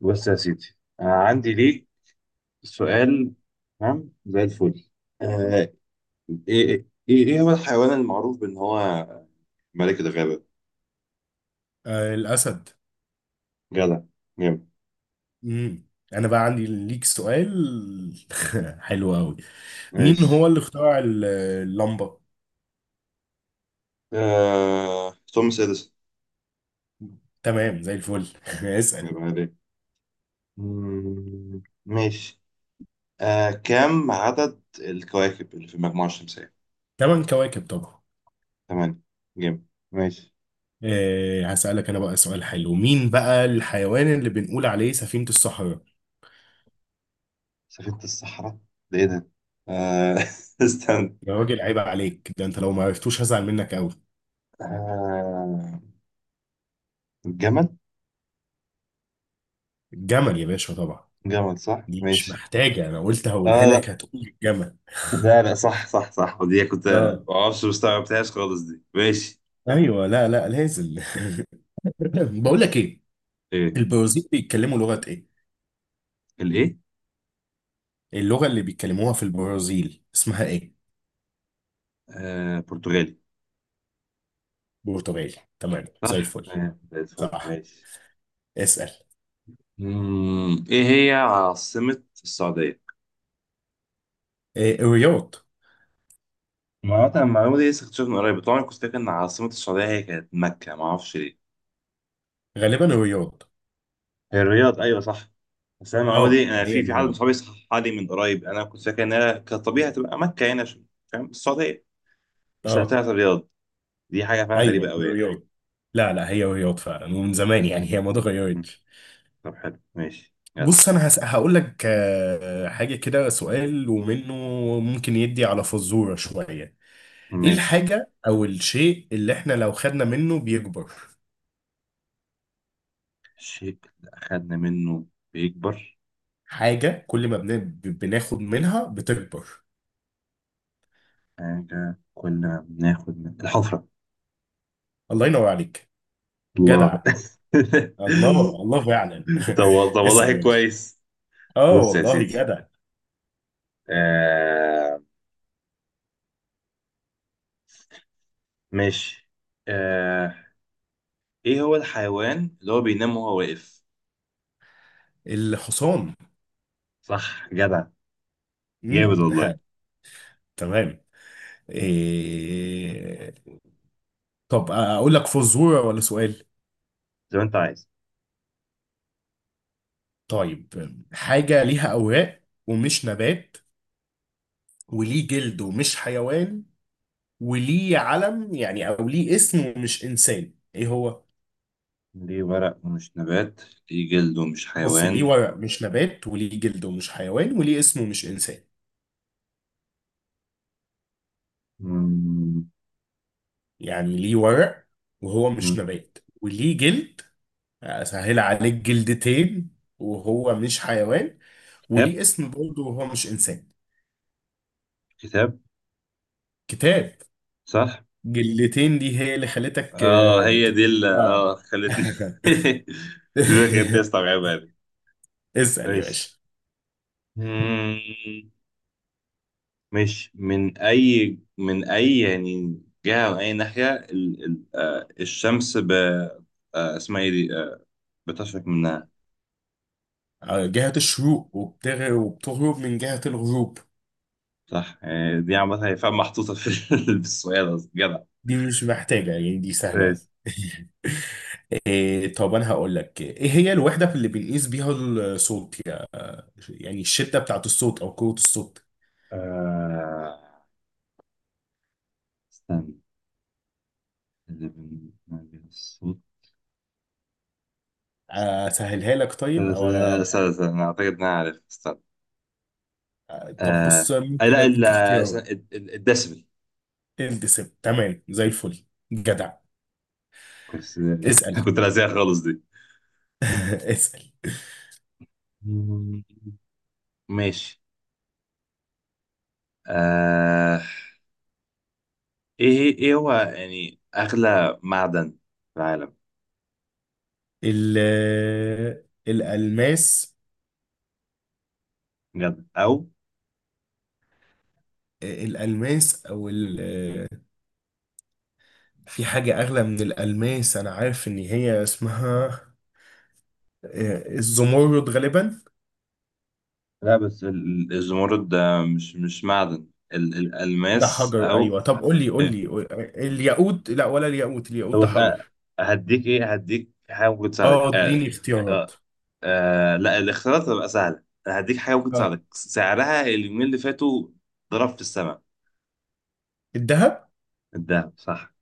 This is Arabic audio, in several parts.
بص يا سيدي. عندي ليك سؤال. تمام زي الفل. آه ايه هو الحيوان المعروف بان هو ملك الغابة؟ آه، الأسد. جدع. جامد. مم. أنا بقى عندي ليك سؤال. حلو أوي. مين ماشي. هو اللي اخترع اللمبة؟ توماس اديسون. تمام زي الفل. اسأل. يبقى عليك. ماشي. كم عدد الكواكب اللي في المجموعة الشمسية؟ تمن كواكب طبعا. 8. جامد. ماشي. هسألك أنا بقى سؤال حلو، مين بقى الحيوان اللي بنقول عليه سفينة الصحراء؟ سفينة الصحراء، ده ايه ده؟ آه استنى. يا راجل، عيب عليك، ده أنت لو ما عرفتوش هزعل منك أوي. آه الجمل؟ الجمل يا باشا، طبعا. جمل صح؟ دي مش ماشي. محتاجة، أنا قلت هقولها لك لا، هتقول الجمل. لا لا، صح صح صح، ودي كنت اه، ما اعرفش، مستوعبتهاش خالص دي. ماشي ايوه، لا لا، لازم. بقول لك بس. ايه. ايه؟ البرازيل بيتكلموا لغة ايه؟ الايه؟ اللغة اللي بيتكلموها في البرازيل اسمها ايه؟ برتغالي. برتغالي، تمام زي صح. الفل. زي الفل. صح. ماشي. اسأل. ايه هي عاصمة السعودية؟ إيه، الرياض. ما هو أنا المعلومة دي لسه اكتشفتها من قريب، طبعا كنت فاكر ان عاصمة السعودية هي كانت مكة، ما اعرفش ليه. غالبا الرياض. هي الرياض، ايوه صح. بس انا المعلومة دي، اه، انا هي في حد من الرياض. صحابي صححها لي من قريب، انا كنت فاكر انها كطبيعي هتبقى مكة هنا عشان- فاهم، السعودية. بس لا، اه، طلعت الرياض. دي حاجة فعلا غريبة ايوه، قوي يعني. الرياض. لا لا، هي الرياض فعلا ومن زمان يعني، هي ما مم، اتغيرتش. طب حلو ماشي يلا. بص انا هقول لك حاجة كده، سؤال ومنه، ممكن يدي على فزورة شوية. ايه مش الحاجة او الشيء اللي احنا لو خدنا منه بيكبر؟ الشيء اللي أخدنا منه بيكبر؟ حاجة كل ما بناخد منها بتكبر. حاجة كنا بناخد من الحفرة. الله ينور عليك. الله. جدع. الله الله فعلا. طب طب والله اسأل يا باشا. كويس. اه، بص يا والله سيدي. جدع. آه ماشي. آه إيه هو الحيوان اللي هو بينام وهو واقف؟ الحصان. صح جدع. جامد امم والله. تمام. إيه... طب اقول لك فزورة ولا سؤال؟ زي ما أنت عايز. طيب، حاجة ليها أوراق ومش نبات، وليه جلد ومش حيوان، وليه علم يعني أو ليه اسم ومش إنسان، إيه هو؟ ليه ورق ومش نبات، ليه جلد ومش بص، حيوان؟ ليه ورق مش نبات، وليه جلد ومش حيوان، وليه اسم ومش إنسان. مم، يعني ليه ورق وهو مش مم. نبات، وليه جلد. اسهل عليك، جلدتين وهو مش حيوان، كتاب. وليه اسم برضه وهو مش انسان. كتاب. كتاب. صح. جلدتين دي هي اللي خلتك اه هي دي اللي آه. خلتني دي اللي خلتني استوعبها دي. اسأل يا ماشي. باشا. مم. ماشي. من اي يعني جهة، من اي ناحية ال... ال... آه الشمس ب... آه اسمها ايه دي؟ بتشرق منها؟ آه، جهة الشروق وبتغرب من جهة الغروب. صح. دي عامة، هي فعلا محطوطة في في السؤال أصلا. جدع. دي مش محتاجة يعني، دي سهلة. ماشي. إيه، طب انا هقول لك ايه هي الوحدة اللي بنقيس بيها الصوت يعني الشدة بتاعت الصوت او قوة الصوت. آه استنى. اللي بنعمل الصوت. اسهلها لك، استنى طيب او استنى استنى، استنى، أنا أعتقد إن أنا عارف. طب بص، آه ممكن لا، اديك اختيار. الدسبل. الدسم، تمام زي الفل. جدع. بس. اسأل. كنت لازقها خالص دي. اسأل. ماشي. آه ايه هو يعني اغلى معدن في العالم؟ ال الألماس. بجد او الألماس او في حاجة اغلى من الألماس، انا عارف ان هي اسمها الزمرد غالبا. لا، بس الزمرد ده مش معدن، ده الالماس حجر، او. ايوه، طب قول لي قول إيه؟ لي. الياقوت، لا ولا الياقوت، الياقوت طب ده بص، حجر. هديك حاجه ممكن تساعدك. اه، اديني اختيارات. آه لا، الاختيارات هتبقى سهله، أنا هديك حاجه ممكن اه، تساعدك، سعرها اليومين اللي فاتوا ضرب في السماء. الذهب. الدهب صح.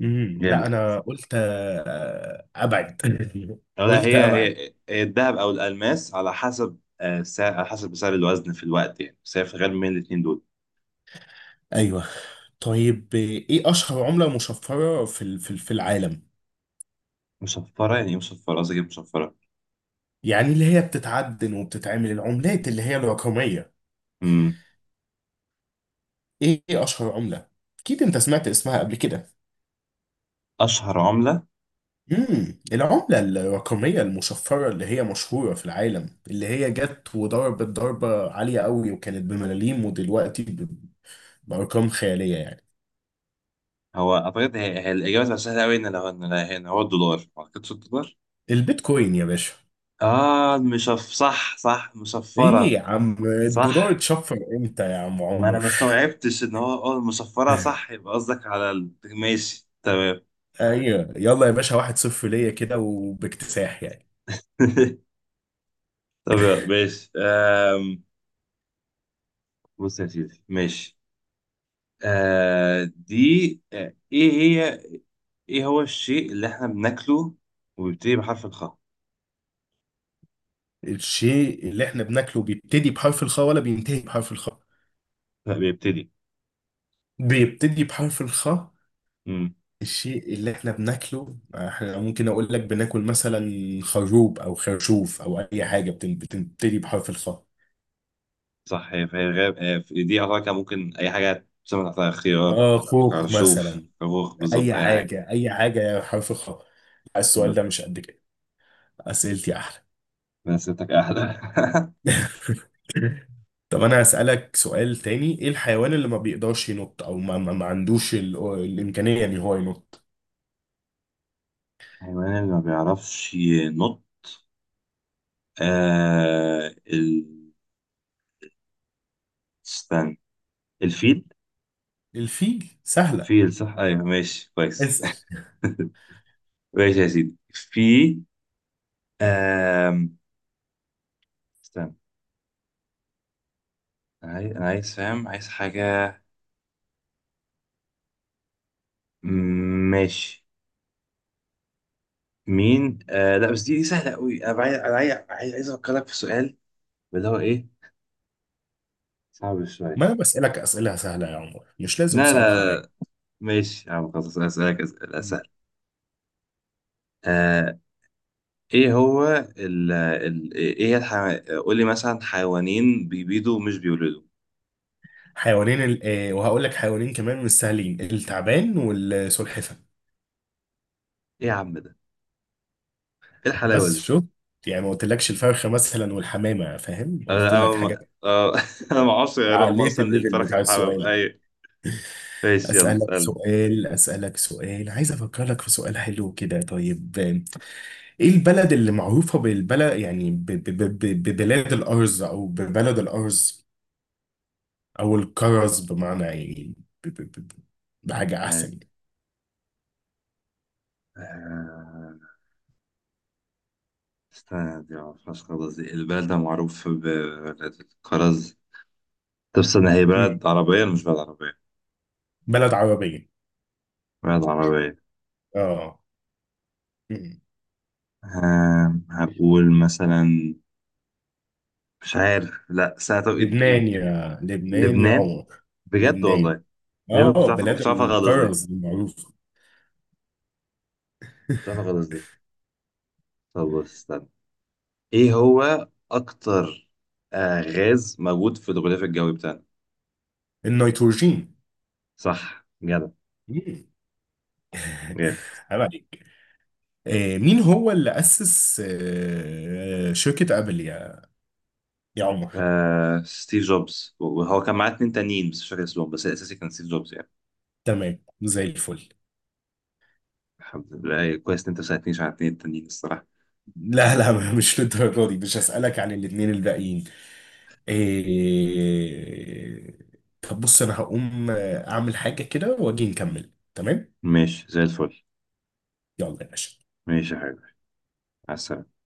لا، جامد. انا قلت ابعد. أو لا، قلت هي ابعد. هي هي الدهب او الالماس على حسب، سعر، على حسب سعر الوزن في الوقت يعني، بس هي في الغالب من الاثنين دول. ايوه. طيب، ايه اشهر عمله مشفره في العالم؟ مصفرة يعني ايه مصفرة؟ قصدي إيه مصفرة؟ يعني اللي هي بتتعدن وبتتعمل العملات اللي هي الرقميه. امم إيه اشهر عمله؟ اكيد انت سمعت اسمها قبل كده. اشهر عملة. العمله الرقميه المشفره اللي هي مشهوره في العالم، اللي هي جت وضربت ضربه عاليه قوي، وكانت بملاليم ودلوقتي بارقام خياليه يعني. هو اعتقد هي, الاجابة تبقى سهلة قوي ان لو ان هنا هو الدولار، ما اعتقدش الدولار. البيتكوين يا باشا. اه صح صح ايه مصفرة. يا عم، الدولار صح. اتشفر امتى يا عم ما انا عمر؟ ما استوعبتش ان هو المصفرة، صح يبقى قصدك على ماشي تمام. ايوه، يلا يا باشا، 1-0 ليا كده وباكتساح يعني. طب يلا، ماشي. بص يا سيدي ماشي. آه دي آه ايه هي ايه هو الشيء اللي احنا بناكله وبيبتدي بحرف الخاء؟ الشيء اللي احنا بناكله بيبتدي بحرف الخاء ولا بينتهي بحرف الخاء؟ لا، بيبتدي. بيبتدي بحرف الخاء. امم الشيء اللي احنا بناكله احنا، ممكن اقول لك بناكل مثلا خروب او خرشوف او اي حاجه بتبتدي بحرف الخاء. صح. هي فهي غاب. دي اعتقد كان ممكن اي حاجه تسمى تحتها خيار، اه، خوخ خرشوف، مثلا. خروخ بالظبط اي اي حاجه، حاجه اي حاجه حرف الخاء. السؤال بالظبط. ده مش قد كده. اسئلتي احلى. بس ستك احلى. طب انا هسألك سؤال تاني، ايه الحيوان اللي ما بيقدرش ينط او ما عندوش الامكانية ان هو ينط؟ الحيوان اللي ما بيعرفش ينط؟ آه ال... استنى. الفيل. الفيل سهلة. فيل صح، ايوه ماشي كويس. اسأل. ماشي يا سيدي. في آم... استنى. انا عايز فاهم، عايز حاجة. ماشي. مين آه لا بس دي سهلة قوي. انا عايز افكرك في سؤال. اللي هو ايه، صعب شوية. ما انا بسألك اسئلة سهلة يا عمر، مش لازم لا تصعبها عليا. لا، ماشي يا عم، خلاص اسألك اسئلة سهلة. آه ايه هو ال ال ايه هي الح... قول لي مثلا حيوانين بيبيضوا ومش بيولدوا. حيوانين ال... آه وهقول لك حيوانين كمان مش سهلين، التعبان والسلحفة. ايه يا عم ده؟ ايه الحلاوة بس دي؟ شوف، يعني ما قلتلكش الفرخة مثلا والحمامة، فاهم انا قلت انا لك ما- حاجات آه، انا ما كتير. اعرفش يا رقم عليت اصلا، الليفل الفرخة بتاع والحبة، السؤال. ايوه. ماشي يلا اسأل. أسألك سؤال، عايز أفكر لك في سؤال حلو كده. طيب، إيه البلد اللي معروفة بالبلد يعني ببلاد الأرز أو ببلد الأرز أو الكرز، بمعنى يعني ب- ب- ب- ب- بحاجة أحسن يعني. آه. استنى، دي معرفهاش خالص دي، البلد ده معروف ببلد الكرز؟ طب استنى، هي مم. بلد عربية ولا مش بلد عربية؟ بلد عربية. بلد عربية. آه. مم. هقول مثلا، مش عارف، لا استنى، طب إد إد لبنان، إد يا لبنان يا لبنان؟ عمر. بجد لبنان. والله. ليه ما كنتش آه، عارف، بلاد كنت عارفها خالص دي. الكرز المعروفة. كنت عارفها خالص دي. طب بص استنى. ايه هو أكتر غاز موجود في الغلاف الجوي بتاعنا؟ النيتروجين. صح جدع. مم. جامد. عيب عليك. مين هو اللي أسس شركة أبل يا عمر؟ ستيف جوبز، وهو كان معاه 2 تانيين بس مش فاكر اسمهم، بس الأساسي كان ستيف جوبز يعني. تمام زي الفل. الحمد لله، كويس إن أنت ساعدتنيش على 2 التانيين الصراحة. لا لا، مش للدرجة دي، مش هسألك عن الاتنين الباقيين. آه، طب بص، أنا هقوم أعمل حاجة كده وأجي نكمل، تمام؟ ماشي زي الفل. يلا يا باشا. ماشي يا حبيبي. على السلامة.